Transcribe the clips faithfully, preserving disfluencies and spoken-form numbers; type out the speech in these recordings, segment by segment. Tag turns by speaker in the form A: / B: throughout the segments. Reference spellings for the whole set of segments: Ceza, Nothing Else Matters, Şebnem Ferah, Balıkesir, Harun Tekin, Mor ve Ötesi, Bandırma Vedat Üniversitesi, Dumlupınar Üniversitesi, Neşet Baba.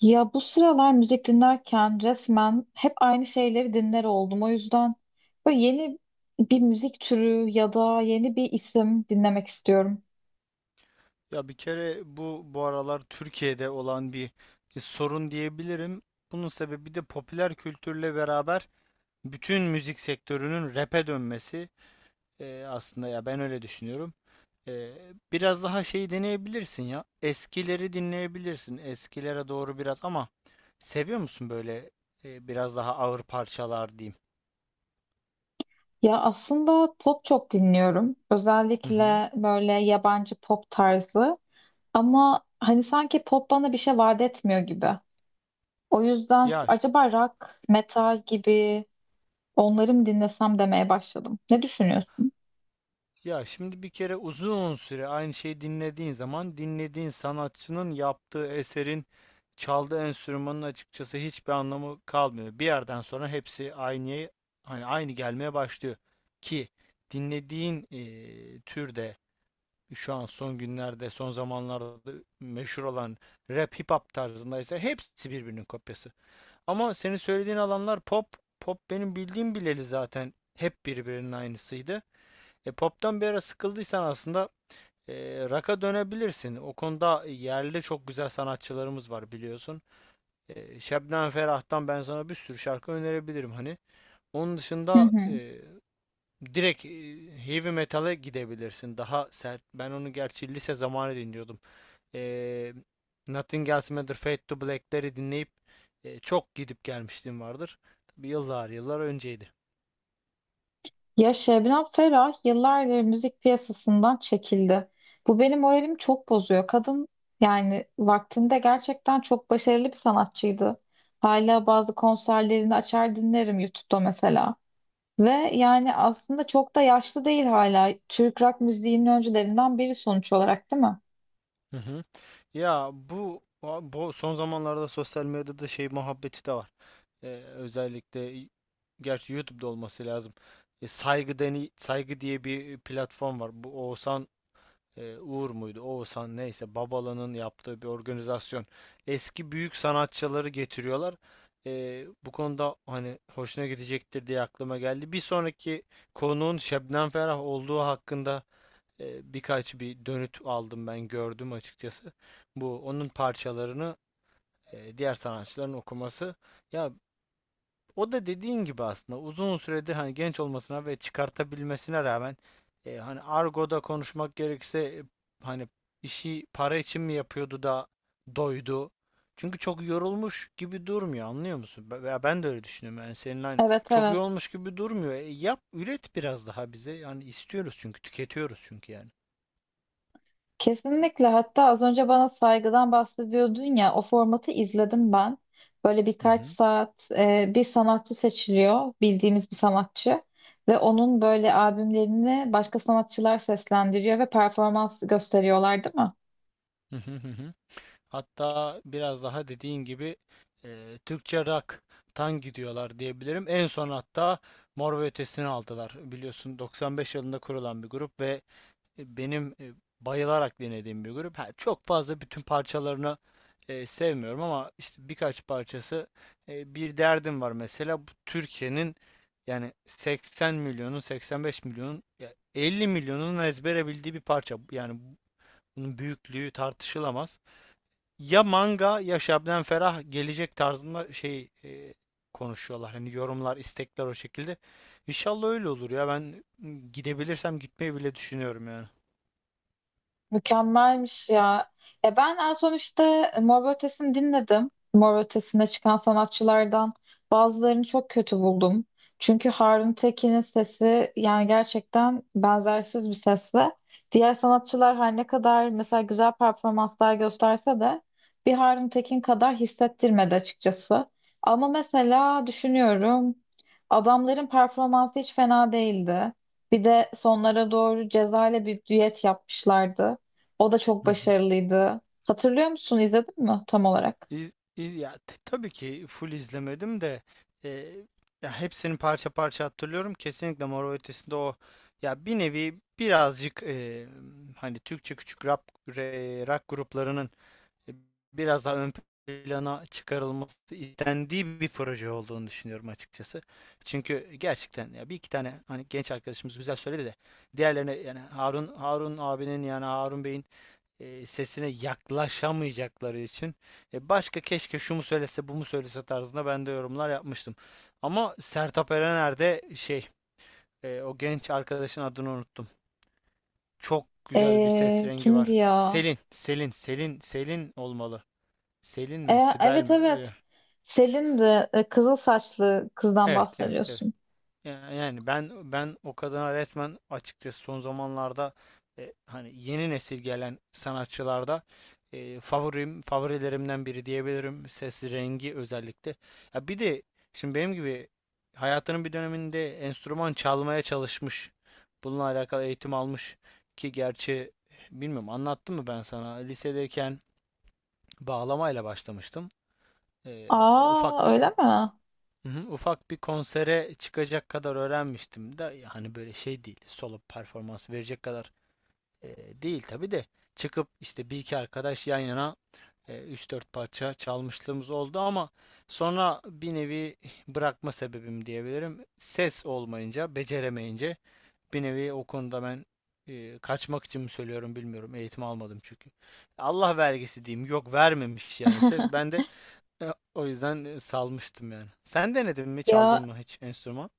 A: Ya bu sıralar müzik dinlerken resmen hep aynı şeyleri dinler oldum. O yüzden böyle yeni bir müzik türü ya da yeni bir isim dinlemek istiyorum.
B: Ya bir kere bu bu aralar Türkiye'de olan bir e, sorun diyebilirim. Bunun sebebi de popüler kültürle beraber bütün müzik sektörünün rap'e dönmesi. E, aslında ya ben öyle düşünüyorum. E, Biraz daha şey deneyebilirsin ya. Eskileri dinleyebilirsin. Eskilere doğru biraz ama seviyor musun böyle e, biraz daha ağır parçalar diyeyim?
A: Ya aslında pop çok dinliyorum.
B: Hı hı.
A: Özellikle böyle yabancı pop tarzı. Ama hani sanki pop bana bir şey vaat etmiyor gibi. O yüzden
B: Ya
A: acaba rock, metal gibi onları mı dinlesem demeye başladım. Ne düşünüyorsun?
B: Ya şimdi bir kere uzun süre aynı şeyi dinlediğin zaman dinlediğin sanatçının yaptığı eserin çaldığı enstrümanın açıkçası hiçbir anlamı kalmıyor. Bir yerden sonra hepsi aynı hani aynı gelmeye başlıyor ki dinlediğin eee, türde şu an son günlerde son zamanlarda meşhur olan rap hip hop tarzındaysa hepsi birbirinin kopyası. Ama senin söylediğin alanlar pop. Pop benim bildiğim bileli zaten hep birbirinin aynısıydı. E, pop'tan bir ara sıkıldıysan aslında e, rock'a dönebilirsin. O konuda yerli çok güzel sanatçılarımız var biliyorsun. E, Şebnem Ferah'tan ben sana bir sürü şarkı önerebilirim hani. Onun
A: Hı
B: dışında
A: hı.
B: e, direkt e, heavy metal'e gidebilirsin. Daha sert. Ben onu gerçi lise zamanı dinliyordum. E, Nothing Else Matters, Fade to Black'leri dinleyip e, çok gidip gelmişliğim vardır. Tabii yıllar yıllar önceydi.
A: Ya Şebnem Ferah yıllardır müzik piyasasından çekildi. Bu benim moralimi çok bozuyor. Kadın yani vaktinde gerçekten çok başarılı bir sanatçıydı. Hala bazı konserlerini açar dinlerim YouTube'da mesela. Ve yani aslında çok da yaşlı değil hala. Türk rock müziğinin öncülerinden biri sonuç olarak değil mi?
B: Hı hı. Ya bu, bu son zamanlarda sosyal medyada şey muhabbeti de var. Ee, Özellikle y- gerçi YouTube'da olması lazım. E, saygı deni, saygı diye bir e, platform var. Bu Oğuzhan e, Uğur muydu? Oğuzhan neyse Babala'nın yaptığı bir organizasyon. Eski büyük sanatçıları getiriyorlar. E, bu konuda hani hoşuna gidecektir diye aklıma geldi. Bir sonraki konuğun Şebnem Ferah olduğu hakkında e, birkaç bir dönüt aldım ben gördüm açıkçası. Bu onun parçalarını e, diğer sanatçıların okuması. Ya o da dediğin gibi aslında uzun süredir hani genç olmasına ve çıkartabilmesine rağmen e, hani argoda konuşmak gerekirse e, hani işi para için mi yapıyordu da doydu. Çünkü çok yorulmuş gibi durmuyor anlıyor musun? Be- Veya ben de öyle düşünüyorum. Yani senin aynı
A: Evet,
B: çok
A: evet.
B: yorulmuş gibi durmuyor. E, yap üret biraz daha bize. Yani istiyoruz çünkü tüketiyoruz çünkü yani.
A: Kesinlikle, hatta az önce bana saygıdan bahsediyordun ya, o formatı izledim ben. Böyle birkaç saat e, bir sanatçı seçiliyor, bildiğimiz bir sanatçı, ve onun böyle albümlerini başka sanatçılar seslendiriyor ve performans gösteriyorlar değil mi?
B: Hı hı hı hı. Hatta biraz daha dediğin gibi e, Türkçe rock'tan gidiyorlar diyebilirim. En son hatta Mor ve Ötesi'ni aldılar. Biliyorsun doksan beş yılında kurulan bir grup ve e, benim e, bayılarak dinlediğim bir grup. Ha, çok fazla bütün parçalarını e, sevmiyorum ama işte birkaç parçası e, bir derdim var mesela. Bu Türkiye'nin yani seksen milyonun seksen beş milyonun ya elli milyonun ezbere bildiği bir parça. Yani bunun büyüklüğü tartışılamaz ya manga ya Şebnem Ferah gelecek tarzında şey e, konuşuyorlar. Hani yorumlar, istekler o şekilde. İnşallah öyle olur ya. Ben ıı, gidebilirsem gitmeyi bile düşünüyorum yani.
A: Mükemmelmiş ya. E ben en son işte Mor ve Ötesi'ni dinledim. Mor ve Ötesi'ne çıkan sanatçılardan bazılarını çok kötü buldum. Çünkü Harun Tekin'in sesi yani gerçekten benzersiz bir ses, ve diğer sanatçılar her ne kadar mesela güzel performanslar gösterse de bir Harun Tekin kadar hissettirmedi açıkçası. Ama mesela düşünüyorum, adamların performansı hiç fena değildi. Bir de sonlara doğru Ceza ile bir düet yapmışlardı. O da çok
B: Hı hı.
A: başarılıydı. Hatırlıyor musun? İzledin mi tam olarak?
B: İz, iz- ya t- tabii ki full izlemedim de e, ya hepsini parça parça hatırlıyorum. Kesinlikle Mor ve Ötesi'nde o ya bir nevi birazcık e, hani Türkçe küçük rap re- rock gruplarının e, biraz daha ön plana çıkarılması istendiği bir proje olduğunu düşünüyorum açıkçası. Çünkü gerçekten ya bir iki tane hani genç arkadaşımız güzel söyledi de diğerlerine yani Harun Harun abinin yani Harun Bey'in e, sesine yaklaşamayacakları için e, başka keşke şu mu söylese bu mu söylese tarzında ben de yorumlar yapmıştım. Ama Sertab Erener de şey e, o genç arkadaşın adını unuttum. Çok güzel bir ses
A: Ee,
B: rengi
A: kimdi
B: var.
A: ya?
B: Selin, Selin, Selin, Selin olmalı. Selin mi,
A: Ee,
B: Sibel
A: evet,
B: mi?
A: evet.
B: Öyle.
A: Selin'di. Ee, kızıl saçlı kızdan
B: Evet, evet, evet.
A: bahsediyorsun.
B: Ya- Yani ben ben o kadına resmen açıkçası son zamanlarda e, hani yeni nesil gelen sanatçılarda e, favorim favorilerimden biri diyebilirim. Ses rengi özellikle. Ya bir de şimdi benim gibi hayatının bir döneminde enstrüman çalmaya çalışmış. Bununla alakalı eğitim almış ki gerçi bilmiyorum anlattım mı ben sana lisedeyken bağlamayla başlamıştım. E, ufak
A: Aa öyle mi?
B: Hı hı. Ufak bir konsere çıkacak kadar öğrenmiştim de hani böyle şey değil solo performans verecek kadar e, değil tabii de çıkıp işte bir iki arkadaş yan yana e, üç dört parça çalmışlığımız oldu ama sonra bir nevi bırakma sebebim diyebilirim. Ses olmayınca, beceremeyince bir nevi o konuda ben e, kaçmak için mi söylüyorum bilmiyorum. Eğitim almadım çünkü. Allah vergisi diyeyim. Yok vermemiş yani ses. Ben de e, o yüzden e, salmıştım yani. Sen denedin mi? Çaldın
A: Ya
B: mı hiç enstrüman?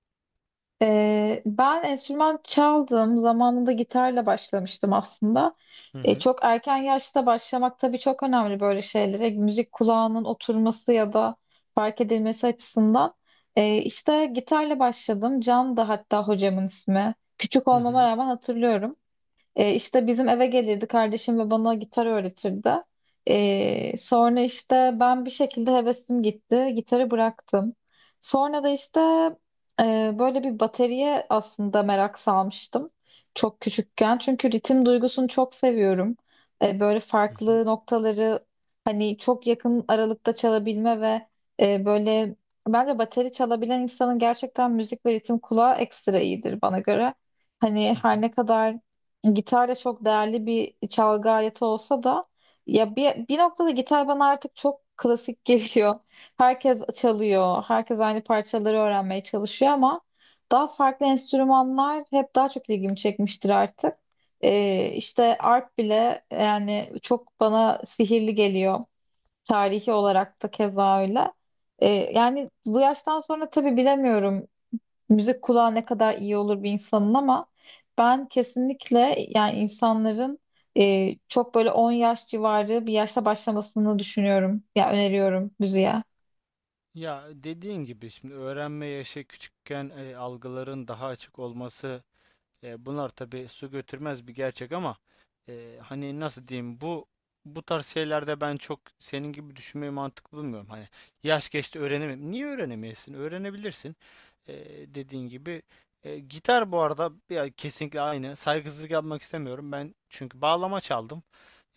A: Ee, ben enstrüman çaldım. Zamanında gitarla başlamıştım aslında.
B: Hı
A: Ee,
B: hı.
A: çok erken yaşta başlamak tabii çok önemli böyle şeylere. Müzik kulağının oturması ya da fark edilmesi açısından. Ee, işte gitarla başladım. Can da hatta hocamın ismi. Küçük
B: Hı
A: olmama
B: hı.
A: rağmen hatırlıyorum. E, işte bizim eve gelirdi kardeşim ve bana gitar öğretirdi. E, sonra işte ben bir şekilde hevesim gitti. Gitarı bıraktım. Sonra da işte e, böyle bir bateriye aslında merak salmıştım. Çok küçükken. Çünkü ritim duygusunu çok seviyorum. E, böyle
B: Hı hı.
A: farklı noktaları hani çok yakın aralıkta çalabilme ve e, böyle, bence bateri çalabilen insanın gerçekten müzik ve ritim kulağı ekstra iyidir bana göre. Hani
B: Hı
A: her
B: hı.
A: ne kadar gitar da çok değerli bir çalgı aleti olsa da ya bir, bir noktada gitar bana artık çok klasik geliyor. Herkes çalıyor, herkes aynı parçaları öğrenmeye çalışıyor ama daha farklı enstrümanlar hep daha çok ilgimi çekmiştir artık. Ee, işte arp bile yani çok bana sihirli geliyor. Tarihi olarak da keza öyle. Ee, yani bu yaştan sonra tabii bilemiyorum müzik kulağı ne kadar iyi olur bir insanın, ama ben kesinlikle yani insanların e, çok böyle on yaş civarı bir yaşta başlamasını düşünüyorum. Ya öneriyorum müziğe.
B: Ya dediğin gibi şimdi öğrenme yaşı küçükken e, algıların daha açık olması. E, bunlar tabii su götürmez bir gerçek ama e, hani nasıl diyeyim bu bu tarz şeylerde ben çok senin gibi düşünmeyi mantıklı bulmuyorum. Hani yaş geçti öğrenemem. Niye öğrenemeyesin? Öğrenebilirsin. E, Dediğin gibi. E, gitar bu arada ya, kesinlikle aynı. Saygısızlık yapmak istemiyorum. Ben çünkü bağlama çaldım.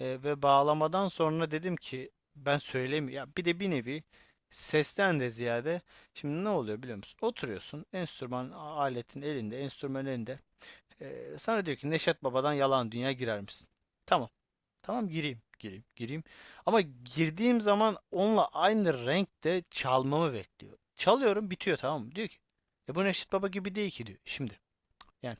B: E, ve bağlamadan sonra dedim ki ben söylemiyorum. Ya bir de bir nevi sesten de ziyade şimdi ne oluyor biliyor musun? Oturuyorsun enstrüman a- aletin elinde, enstrüman elinde. Ee, sana diyor ki Neşet Baba'dan yalan dünya girer misin? Tamam. Tamam gireyim. Gireyim. Gireyim. Ama girdiğim zaman onunla aynı renkte çalmamı bekliyor. Çalıyorum bitiyor tamam mı? Diyor ki e bu Neşet Baba gibi değil ki diyor. Şimdi yani.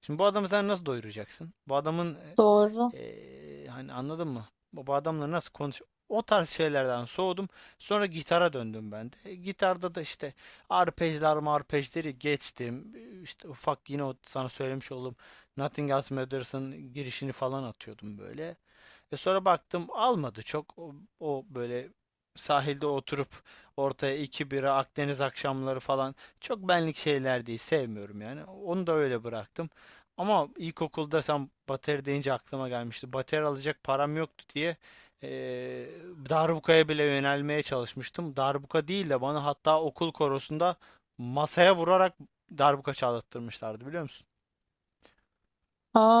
B: Şimdi bu adamı sen nasıl doyuracaksın? Bu adamın
A: Doğru.
B: e, ee, hani anladın mı? Bu adamla nasıl konuş? O tarz şeylerden soğudum. Sonra gitara döndüm ben de. E, Gitarda da işte arpejler marpejleri geçtim. Ee, İşte ufak yine o sana söylemiş olduğum Nothing Else Matters'ın girişini falan atıyordum böyle. Ve sonra baktım almadı çok. O, o böyle sahilde oturup ortaya iki bira Akdeniz akşamları falan çok benlik şeyler değil sevmiyorum yani. Onu da öyle bıraktım. Ama ilkokulda sen bateri deyince aklıma gelmişti. Bateri alacak param yoktu diye eee darbukaya bile yönelmeye çalışmıştım. Darbuka değil de bana hatta okul korosunda masaya vurarak darbuka çalattırmışlardı biliyor musun?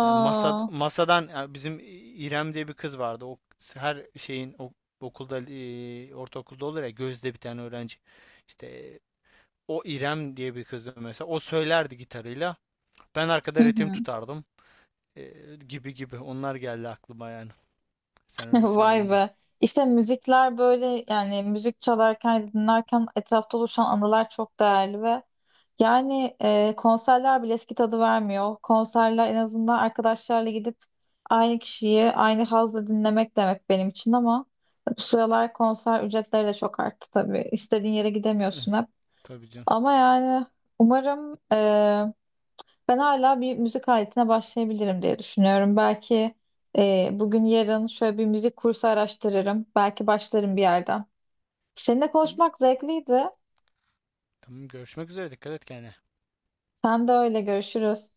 B: Yani masa, masadan yani bizim İrem diye bir kız vardı. O her şeyin o, okulda e, ortaokulda olur ya gözde bir tane öğrenci. İşte o İrem diye bir kızdı mesela. O söylerdi gitarıyla. Ben
A: Hı
B: arkada ritim
A: hı.
B: tutardım. E, gibi gibi. Onlar geldi aklıma yani. Sen öyle
A: Vay
B: söyleyince.
A: be. İşte müzikler böyle yani, müzik çalarken dinlerken etrafta oluşan anılar çok değerli, ve yani e, konserler bile eski tadı vermiyor. Konserler en azından arkadaşlarla gidip aynı kişiyi aynı hazla dinlemek demek benim için, ama bu sıralar konser ücretleri de çok arttı tabii. İstediğin yere
B: Eh,
A: gidemiyorsun hep.
B: Tabii canım.
A: Ama yani umarım e, ben hala bir müzik aletine başlayabilirim diye düşünüyorum. Belki e, bugün yarın şöyle bir müzik kursu araştırırım. Belki başlarım bir yerden. Seninle konuşmak zevkliydi.
B: Tamam görüşmek üzere. Dikkat et kendine.
A: Sen de öyle, görüşürüz.